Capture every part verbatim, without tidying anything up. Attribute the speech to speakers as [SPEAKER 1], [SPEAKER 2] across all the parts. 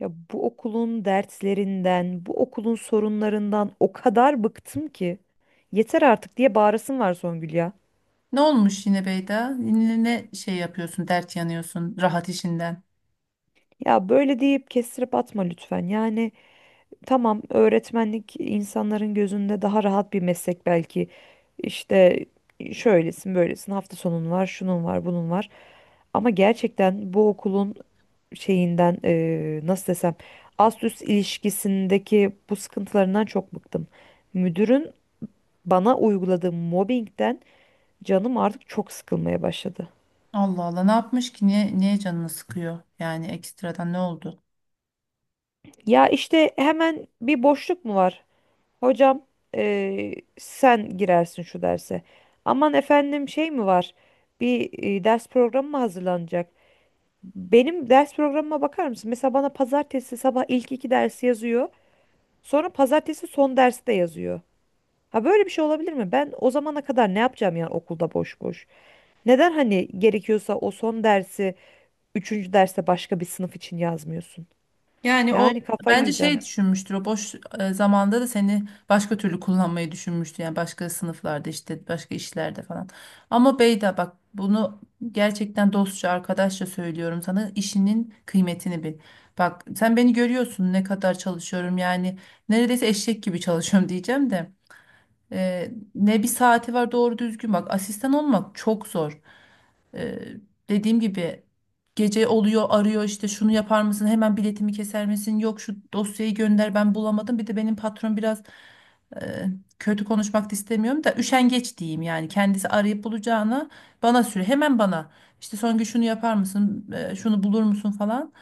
[SPEAKER 1] Ya bu okulun derslerinden, bu okulun sorunlarından o kadar bıktım ki. Yeter artık diye bağırasım var, Songül ya.
[SPEAKER 2] Ne olmuş yine Beyda? Yine ne şey yapıyorsun, dert yanıyorsun rahat işinden?
[SPEAKER 1] Ya böyle deyip kestirip atma lütfen. Yani tamam, öğretmenlik insanların gözünde daha rahat bir meslek belki. İşte şöylesin, böylesin, hafta sonun var, şunun var, bunun var. Ama gerçekten bu okulun şeyinden eee, nasıl desem ast üst ilişkisindeki bu sıkıntılarından çok bıktım. Müdürün bana uyguladığı mobbingden canım artık çok sıkılmaya başladı.
[SPEAKER 2] Allah Allah ne yapmış ki? Niye, niye canını sıkıyor? Yani ekstradan ne oldu?
[SPEAKER 1] Ya işte hemen bir boşluk mu var? Hocam, eee, sen girersin şu derse. Aman efendim şey mi var? Bir e, ders programı mı hazırlanacak? Benim ders programıma bakar mısın? Mesela bana pazartesi sabah ilk iki dersi yazıyor. Sonra pazartesi son dersi de yazıyor. Ha böyle bir şey olabilir mi? Ben o zamana kadar ne yapacağım yani okulda boş boş? Neden hani gerekiyorsa o son dersi üçüncü derste başka bir sınıf için yazmıyorsun. Yani kafayı
[SPEAKER 2] Bence şey
[SPEAKER 1] yiyeceğim.
[SPEAKER 2] düşünmüştür o boş e, zamanda da seni başka türlü kullanmayı düşünmüştü. Yani başka sınıflarda işte başka işlerde falan. Ama Beyda bak bunu gerçekten dostça arkadaşça söylüyorum sana işinin kıymetini bil. Bak sen beni görüyorsun ne kadar çalışıyorum yani neredeyse eşek gibi çalışıyorum diyeceğim de. Ee, ne bir saati var doğru düzgün bak asistan olmak çok zor. Ee, Dediğim gibi gece oluyor arıyor işte şunu yapar mısın hemen biletimi keser misin yok şu dosyayı gönder ben bulamadım bir de benim patron biraz e, kötü konuşmak da istemiyorum da üşengeç diyeyim yani kendisi arayıp bulacağına bana süre hemen bana işte son gün şunu yapar mısın e, şunu bulur musun falan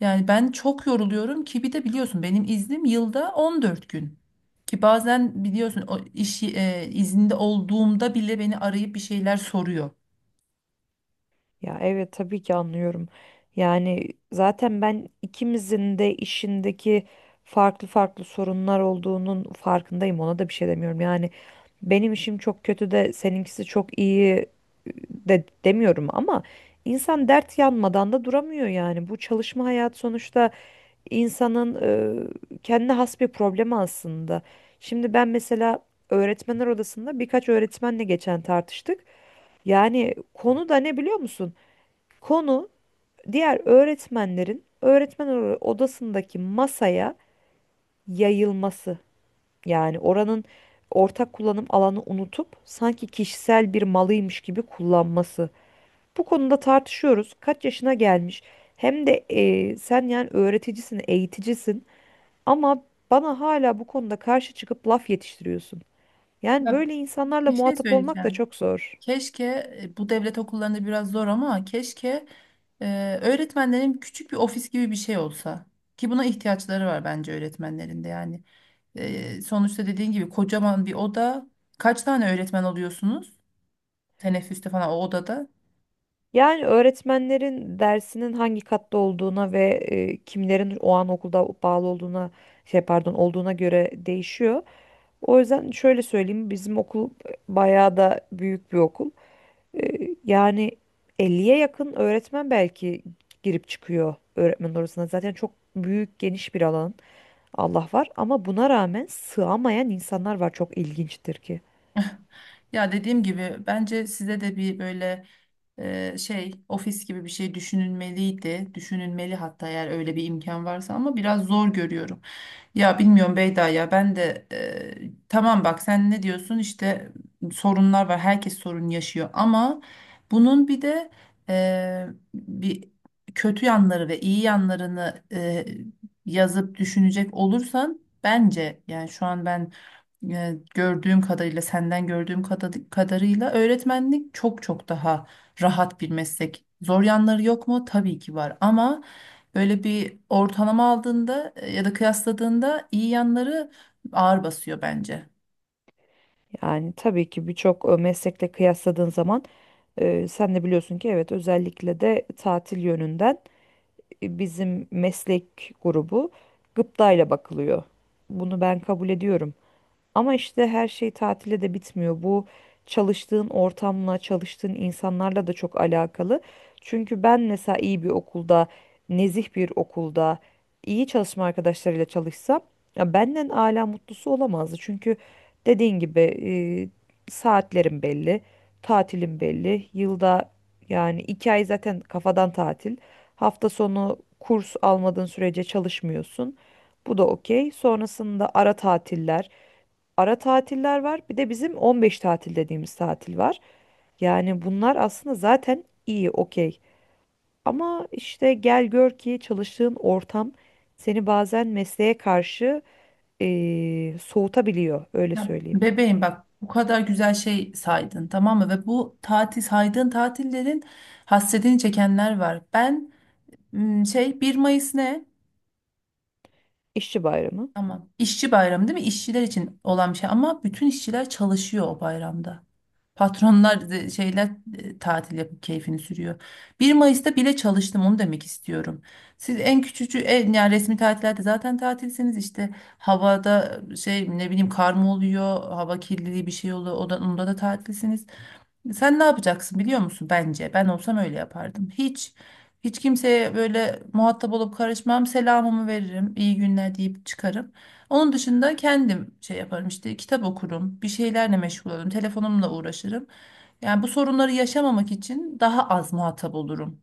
[SPEAKER 2] yani ben çok yoruluyorum ki bir de biliyorsun benim iznim yılda on dört gün. Ki bazen biliyorsun o iş e, izinde olduğumda bile beni arayıp bir şeyler soruyor.
[SPEAKER 1] Ya evet, tabii ki anlıyorum. Yani zaten ben ikimizin de işindeki farklı farklı sorunlar olduğunun farkındayım. Ona da bir şey demiyorum. Yani benim işim çok kötü de seninkisi çok iyi ıı, de demiyorum ama insan dert yanmadan da duramıyor yani. Bu çalışma hayat sonuçta insanın e, kendine has bir problemi aslında. Şimdi ben mesela öğretmenler odasında birkaç öğretmenle geçen tartıştık. Yani konu da ne biliyor musun? Konu diğer öğretmenlerin öğretmenler oda- odasındaki masaya yayılması. Yani oranın ortak kullanım alanı unutup sanki kişisel bir malıymış gibi kullanması. Bu konuda tartışıyoruz. Kaç yaşına gelmiş? Hem de e, sen yani öğreticisin, eğiticisin. Ama bana hala bu konuda karşı çıkıp laf yetiştiriyorsun. Yani
[SPEAKER 2] Ya,
[SPEAKER 1] böyle insanlarla
[SPEAKER 2] bir şey
[SPEAKER 1] muhatap olmak da
[SPEAKER 2] söyleyeceğim.
[SPEAKER 1] çok zor.
[SPEAKER 2] Keşke e, bu devlet okullarında biraz zor ama keşke e, öğretmenlerin küçük bir ofis gibi bir şey olsa. Ki buna ihtiyaçları var bence öğretmenlerin de yani. E, sonuçta dediğin gibi kocaman bir oda. Kaç tane öğretmen oluyorsunuz? Teneffüste falan o odada.
[SPEAKER 1] Yani öğretmenlerin dersinin hangi katta olduğuna ve e, kimlerin o an okulda bağlı olduğuna, şey pardon, olduğuna göre değişiyor. O yüzden şöyle söyleyeyim, bizim okul bayağı da büyük bir okul. E, Yani elliye yakın öğretmen belki girip çıkıyor öğretmen odasına. Zaten çok büyük, geniş bir alan. Allah var ama buna rağmen sığamayan insanlar var, çok ilginçtir ki.
[SPEAKER 2] Ya dediğim gibi bence size de bir böyle e, şey ofis gibi bir şey düşünülmeliydi. Düşünülmeli hatta eğer öyle bir imkan varsa ama biraz zor görüyorum. Ya bilmiyorum Beyda ya ben de e, tamam bak sen ne diyorsun işte sorunlar var herkes sorun yaşıyor ama bunun bir de e, bir kötü yanları ve iyi yanlarını e, yazıp düşünecek olursan bence yani şu an ben e, gördüğüm kadarıyla senden gördüğüm kada- kadarıyla öğretmenlik çok çok daha rahat bir meslek. Zor yanları yok mu? Tabii ki var ama böyle bir ortalama aldığında e, ya da kıyasladığında iyi yanları ağır basıyor bence.
[SPEAKER 1] Yani tabii ki birçok e, meslekle kıyasladığın zaman e, sen de biliyorsun ki evet, özellikle de tatil yönünden e, bizim meslek grubu gıptayla bakılıyor. Bunu ben kabul ediyorum. Ama işte her şey tatile de bitmiyor. Bu çalıştığın ortamla, çalıştığın insanlarla da çok alakalı. Çünkü ben mesela iyi bir okulda, nezih bir okulda, iyi çalışma arkadaşlarıyla çalışsam, ya benden âlâ mutlusu olamazdı. Çünkü dediğin gibi e, saatlerim belli, tatilim belli. Yılda yani iki ay zaten kafadan tatil. Hafta sonu kurs almadığın sürece çalışmıyorsun. Bu da okey. Sonrasında ara tatiller ara tatiller var. Bir de bizim on beş tatil dediğimiz tatil var. Yani bunlar aslında zaten iyi, okey. Ama işte gel gör ki çalıştığın ortam seni bazen mesleğe karşı eee, soğutabiliyor, öyle
[SPEAKER 2] Ya
[SPEAKER 1] söyleyeyim.
[SPEAKER 2] bebeğim bak bu kadar güzel şey saydın tamam mı? Ve bu tatil saydığın tatillerin hasretini çekenler var. Ben m, şey bir Mayıs ne?
[SPEAKER 1] İşçi bayramı.
[SPEAKER 2] Tamam. İşçi bayramı değil mi? İşçiler için olan bir şey ama bütün işçiler çalışıyor o bayramda. Patronlar e, şeyler e, tatil yapıp keyfini sürüyor. Bir Mayıs'ta bile çalıştım onu demek istiyorum. Siz en küçücü en yani resmi tatillerde zaten tatilsiniz işte havada şey ne bileyim kar mı oluyor, hava kirliliği bir şey oluyor. O da, onda da tatilsiniz. Sen ne yapacaksın biliyor musun bence? Ben olsam öyle yapardım. Hiç hiç kimseye böyle muhatap olup karışmam. Selamımı veririm. İyi günler deyip çıkarım. Onun dışında kendim şey yaparım işte kitap okurum, bir şeylerle meşgul olurum, telefonumla uğraşırım. Yani bu sorunları yaşamamak için daha az muhatap olurum.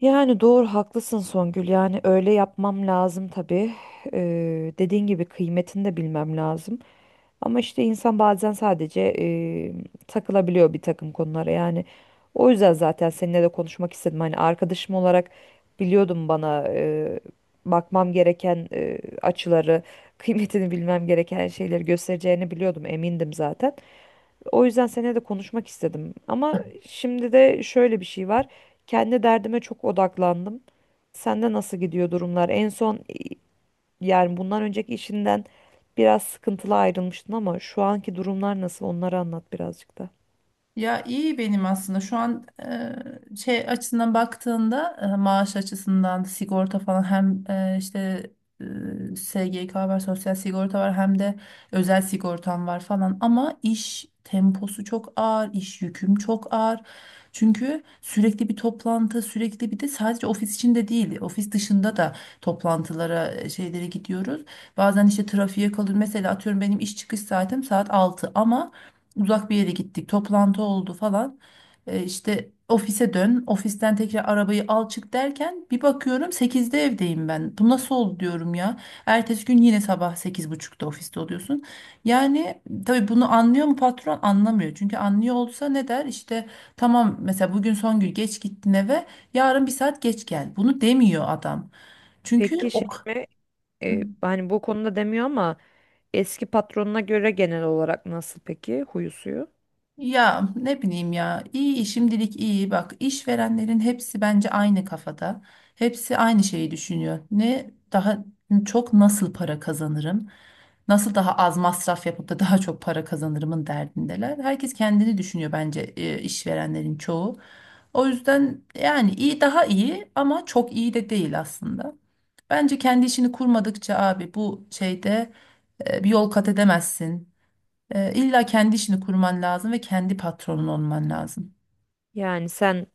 [SPEAKER 1] Yani doğru, haklısın Songül. Yani öyle yapmam lazım tabii. Eee dediğin gibi kıymetini de bilmem lazım. Ama işte insan bazen sadece eee, takılabiliyor bir takım konulara yani. O yüzden zaten seninle de konuşmak istedim. Hani arkadaşım olarak biliyordum bana eee, bakmam gereken eee, açıları, kıymetini bilmem gereken şeyleri göstereceğini biliyordum, emindim zaten. O yüzden seninle de konuşmak istedim. Ama şimdi de şöyle bir şey var. Kendi derdime çok odaklandım. Sende nasıl gidiyor durumlar? En son yani bundan önceki işinden biraz sıkıntılı ayrılmıştın, ama şu anki durumlar nasıl, onları anlat birazcık da.
[SPEAKER 2] Ya iyi benim aslında şu an e, şey açısından baktığında e, maaş açısından sigorta falan hem e, işte e, S G K var sosyal sigorta var hem de özel sigortam var falan ama iş temposu çok ağır iş yüküm çok ağır çünkü sürekli bir toplantı sürekli bir de sadece ofis içinde değil ofis dışında da toplantılara e, şeylere gidiyoruz bazen işte trafiğe kalıyor mesela atıyorum benim iş çıkış saatim saat altı ama uzak bir yere gittik, toplantı oldu falan. E, işte ofise dön, ofisten tekrar arabayı al çık derken bir bakıyorum sekizde evdeyim ben. Bu nasıl oldu diyorum ya. Ertesi gün yine sabah sekiz buçukta ofiste oluyorsun. Yani tabii bunu anlıyor mu patron? Anlamıyor. Çünkü anlıyor olsa ne der? İşte tamam mesela bugün son gün geç gittin eve, yarın bir saat geç gel. Bunu demiyor adam. Çünkü
[SPEAKER 1] Peki şey
[SPEAKER 2] o.
[SPEAKER 1] mi? E, hani bu konuda demiyor ama eski patronuna göre genel olarak nasıl peki huyu suyu?
[SPEAKER 2] Ya ne bileyim ya iyi şimdilik iyi bak işverenlerin hepsi bence aynı kafada hepsi aynı şeyi düşünüyor ne daha çok nasıl para kazanırım nasıl daha az masraf yapıp da daha çok para kazanırımın derdindeler herkes kendini düşünüyor bence e, işverenlerin çoğu o yüzden yani iyi daha iyi ama çok iyi de değil aslında bence kendi işini kurmadıkça abi bu şeyde e, bir yol kat edemezsin, e, illa kendi işini kurman lazım ve kendi patronun olman lazım.
[SPEAKER 1] Yani sen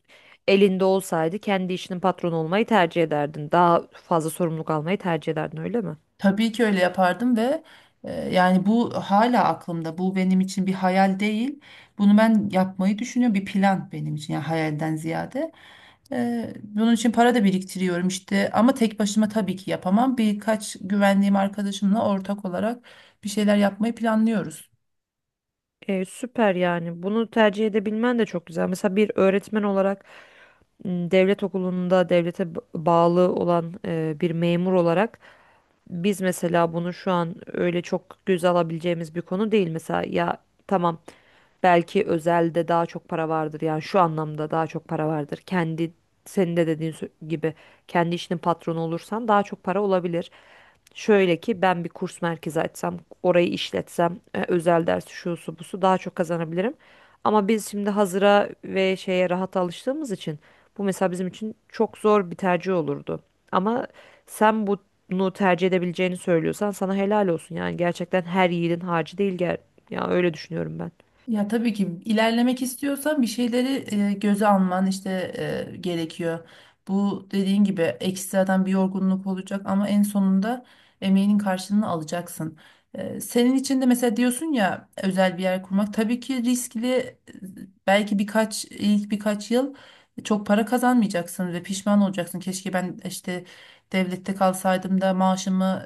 [SPEAKER 1] elinde olsaydı kendi işinin patronu olmayı tercih ederdin. Daha fazla sorumluluk almayı tercih ederdin öyle mi?
[SPEAKER 2] Tabii ki öyle yapardım ve e, yani bu hala aklımda. Bu benim için bir hayal değil. Bunu ben yapmayı düşünüyorum. Bir plan benim için yani hayalden ziyade. E, bunun için para da biriktiriyorum işte. Ama tek başıma tabii ki yapamam. Birkaç güvendiğim arkadaşımla ortak olarak bir şeyler yapmayı planlıyoruz.
[SPEAKER 1] E, süper yani. Bunu tercih edebilmen de çok güzel. Mesela bir öğretmen olarak m, devlet okulunda devlete b- bağlı olan e, bir memur olarak biz mesela bunu şu an öyle çok göze alabileceğimiz bir konu değil mesela. Ya tamam, belki özelde daha çok para vardır yani şu anlamda daha çok para vardır. Kendi senin de dediğin sö- gibi kendi işinin patronu olursan daha çok para olabilir. Şöyle ki ben bir kurs merkezi açsam, orayı işletsem, e, özel ders şusu busu daha çok kazanabilirim. Ama biz şimdi hazıra ve şeye rahat alıştığımız için bu mesela bizim için çok zor bir tercih olurdu. Ama sen bunu tercih edebileceğini söylüyorsan sana helal olsun. Yani gerçekten her yiğidin harcı değil gel. Ya öyle düşünüyorum ben.
[SPEAKER 2] Ya tabii ki ilerlemek istiyorsan bir şeyleri e, göze alman işte e, gerekiyor. Bu dediğin gibi ekstradan bir yorgunluk olacak ama en sonunda emeğinin karşılığını alacaksın. E, senin için de mesela diyorsun ya özel bir yer kurmak tabii ki riskli. e, Belki birkaç ilk birkaç yıl çok para kazanmayacaksın ve pişman olacaksın. Keşke ben işte devlette kalsaydım da maaşımı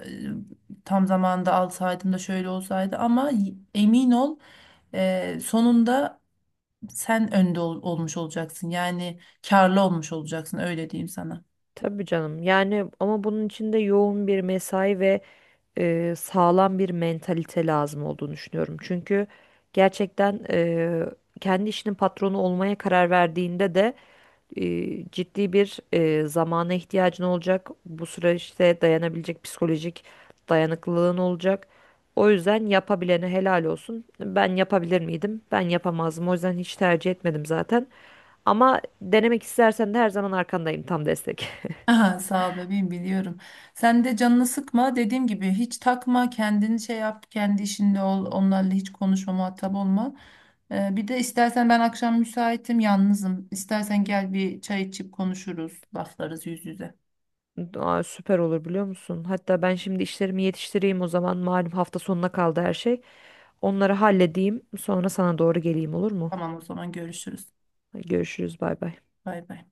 [SPEAKER 2] e, tam zamanında alsaydım da şöyle olsaydı ama y- emin ol ee, sonunda sen önde ol- olmuş olacaksın. Yani karlı olmuş olacaksın öyle diyeyim sana.
[SPEAKER 1] Tabii canım. Yani ama bunun için de yoğun bir mesai ve e, sağlam bir mentalite lazım olduğunu düşünüyorum. Çünkü gerçekten e, kendi işinin patronu olmaya karar verdiğinde de e, ciddi bir e, zamana ihtiyacın olacak. Bu süreçte dayanabilecek psikolojik dayanıklılığın olacak. O yüzden yapabilene helal olsun. Ben yapabilir miydim? Ben yapamazdım. O yüzden hiç tercih etmedim zaten. Ama denemek istersen de her zaman arkandayım, tam destek.
[SPEAKER 2] Aha, sağ ol bebeğim biliyorum. Sen de canını sıkma. Dediğim gibi hiç takma. Kendini şey yap. Kendi işinde ol. Onlarla hiç konuşma, muhatap olma. Ee, bir de istersen ben akşam müsaitim, yalnızım. İstersen gel bir çay içip konuşuruz, laflarız yüz yüze.
[SPEAKER 1] Aa, süper olur biliyor musun? Hatta ben şimdi işlerimi yetiştireyim o zaman. Malum hafta sonuna kaldı her şey. Onları halledeyim. Sonra sana doğru geleyim, olur mu?
[SPEAKER 2] Tamam o zaman görüşürüz.
[SPEAKER 1] Görüşürüz, bay bay.
[SPEAKER 2] Bay bay.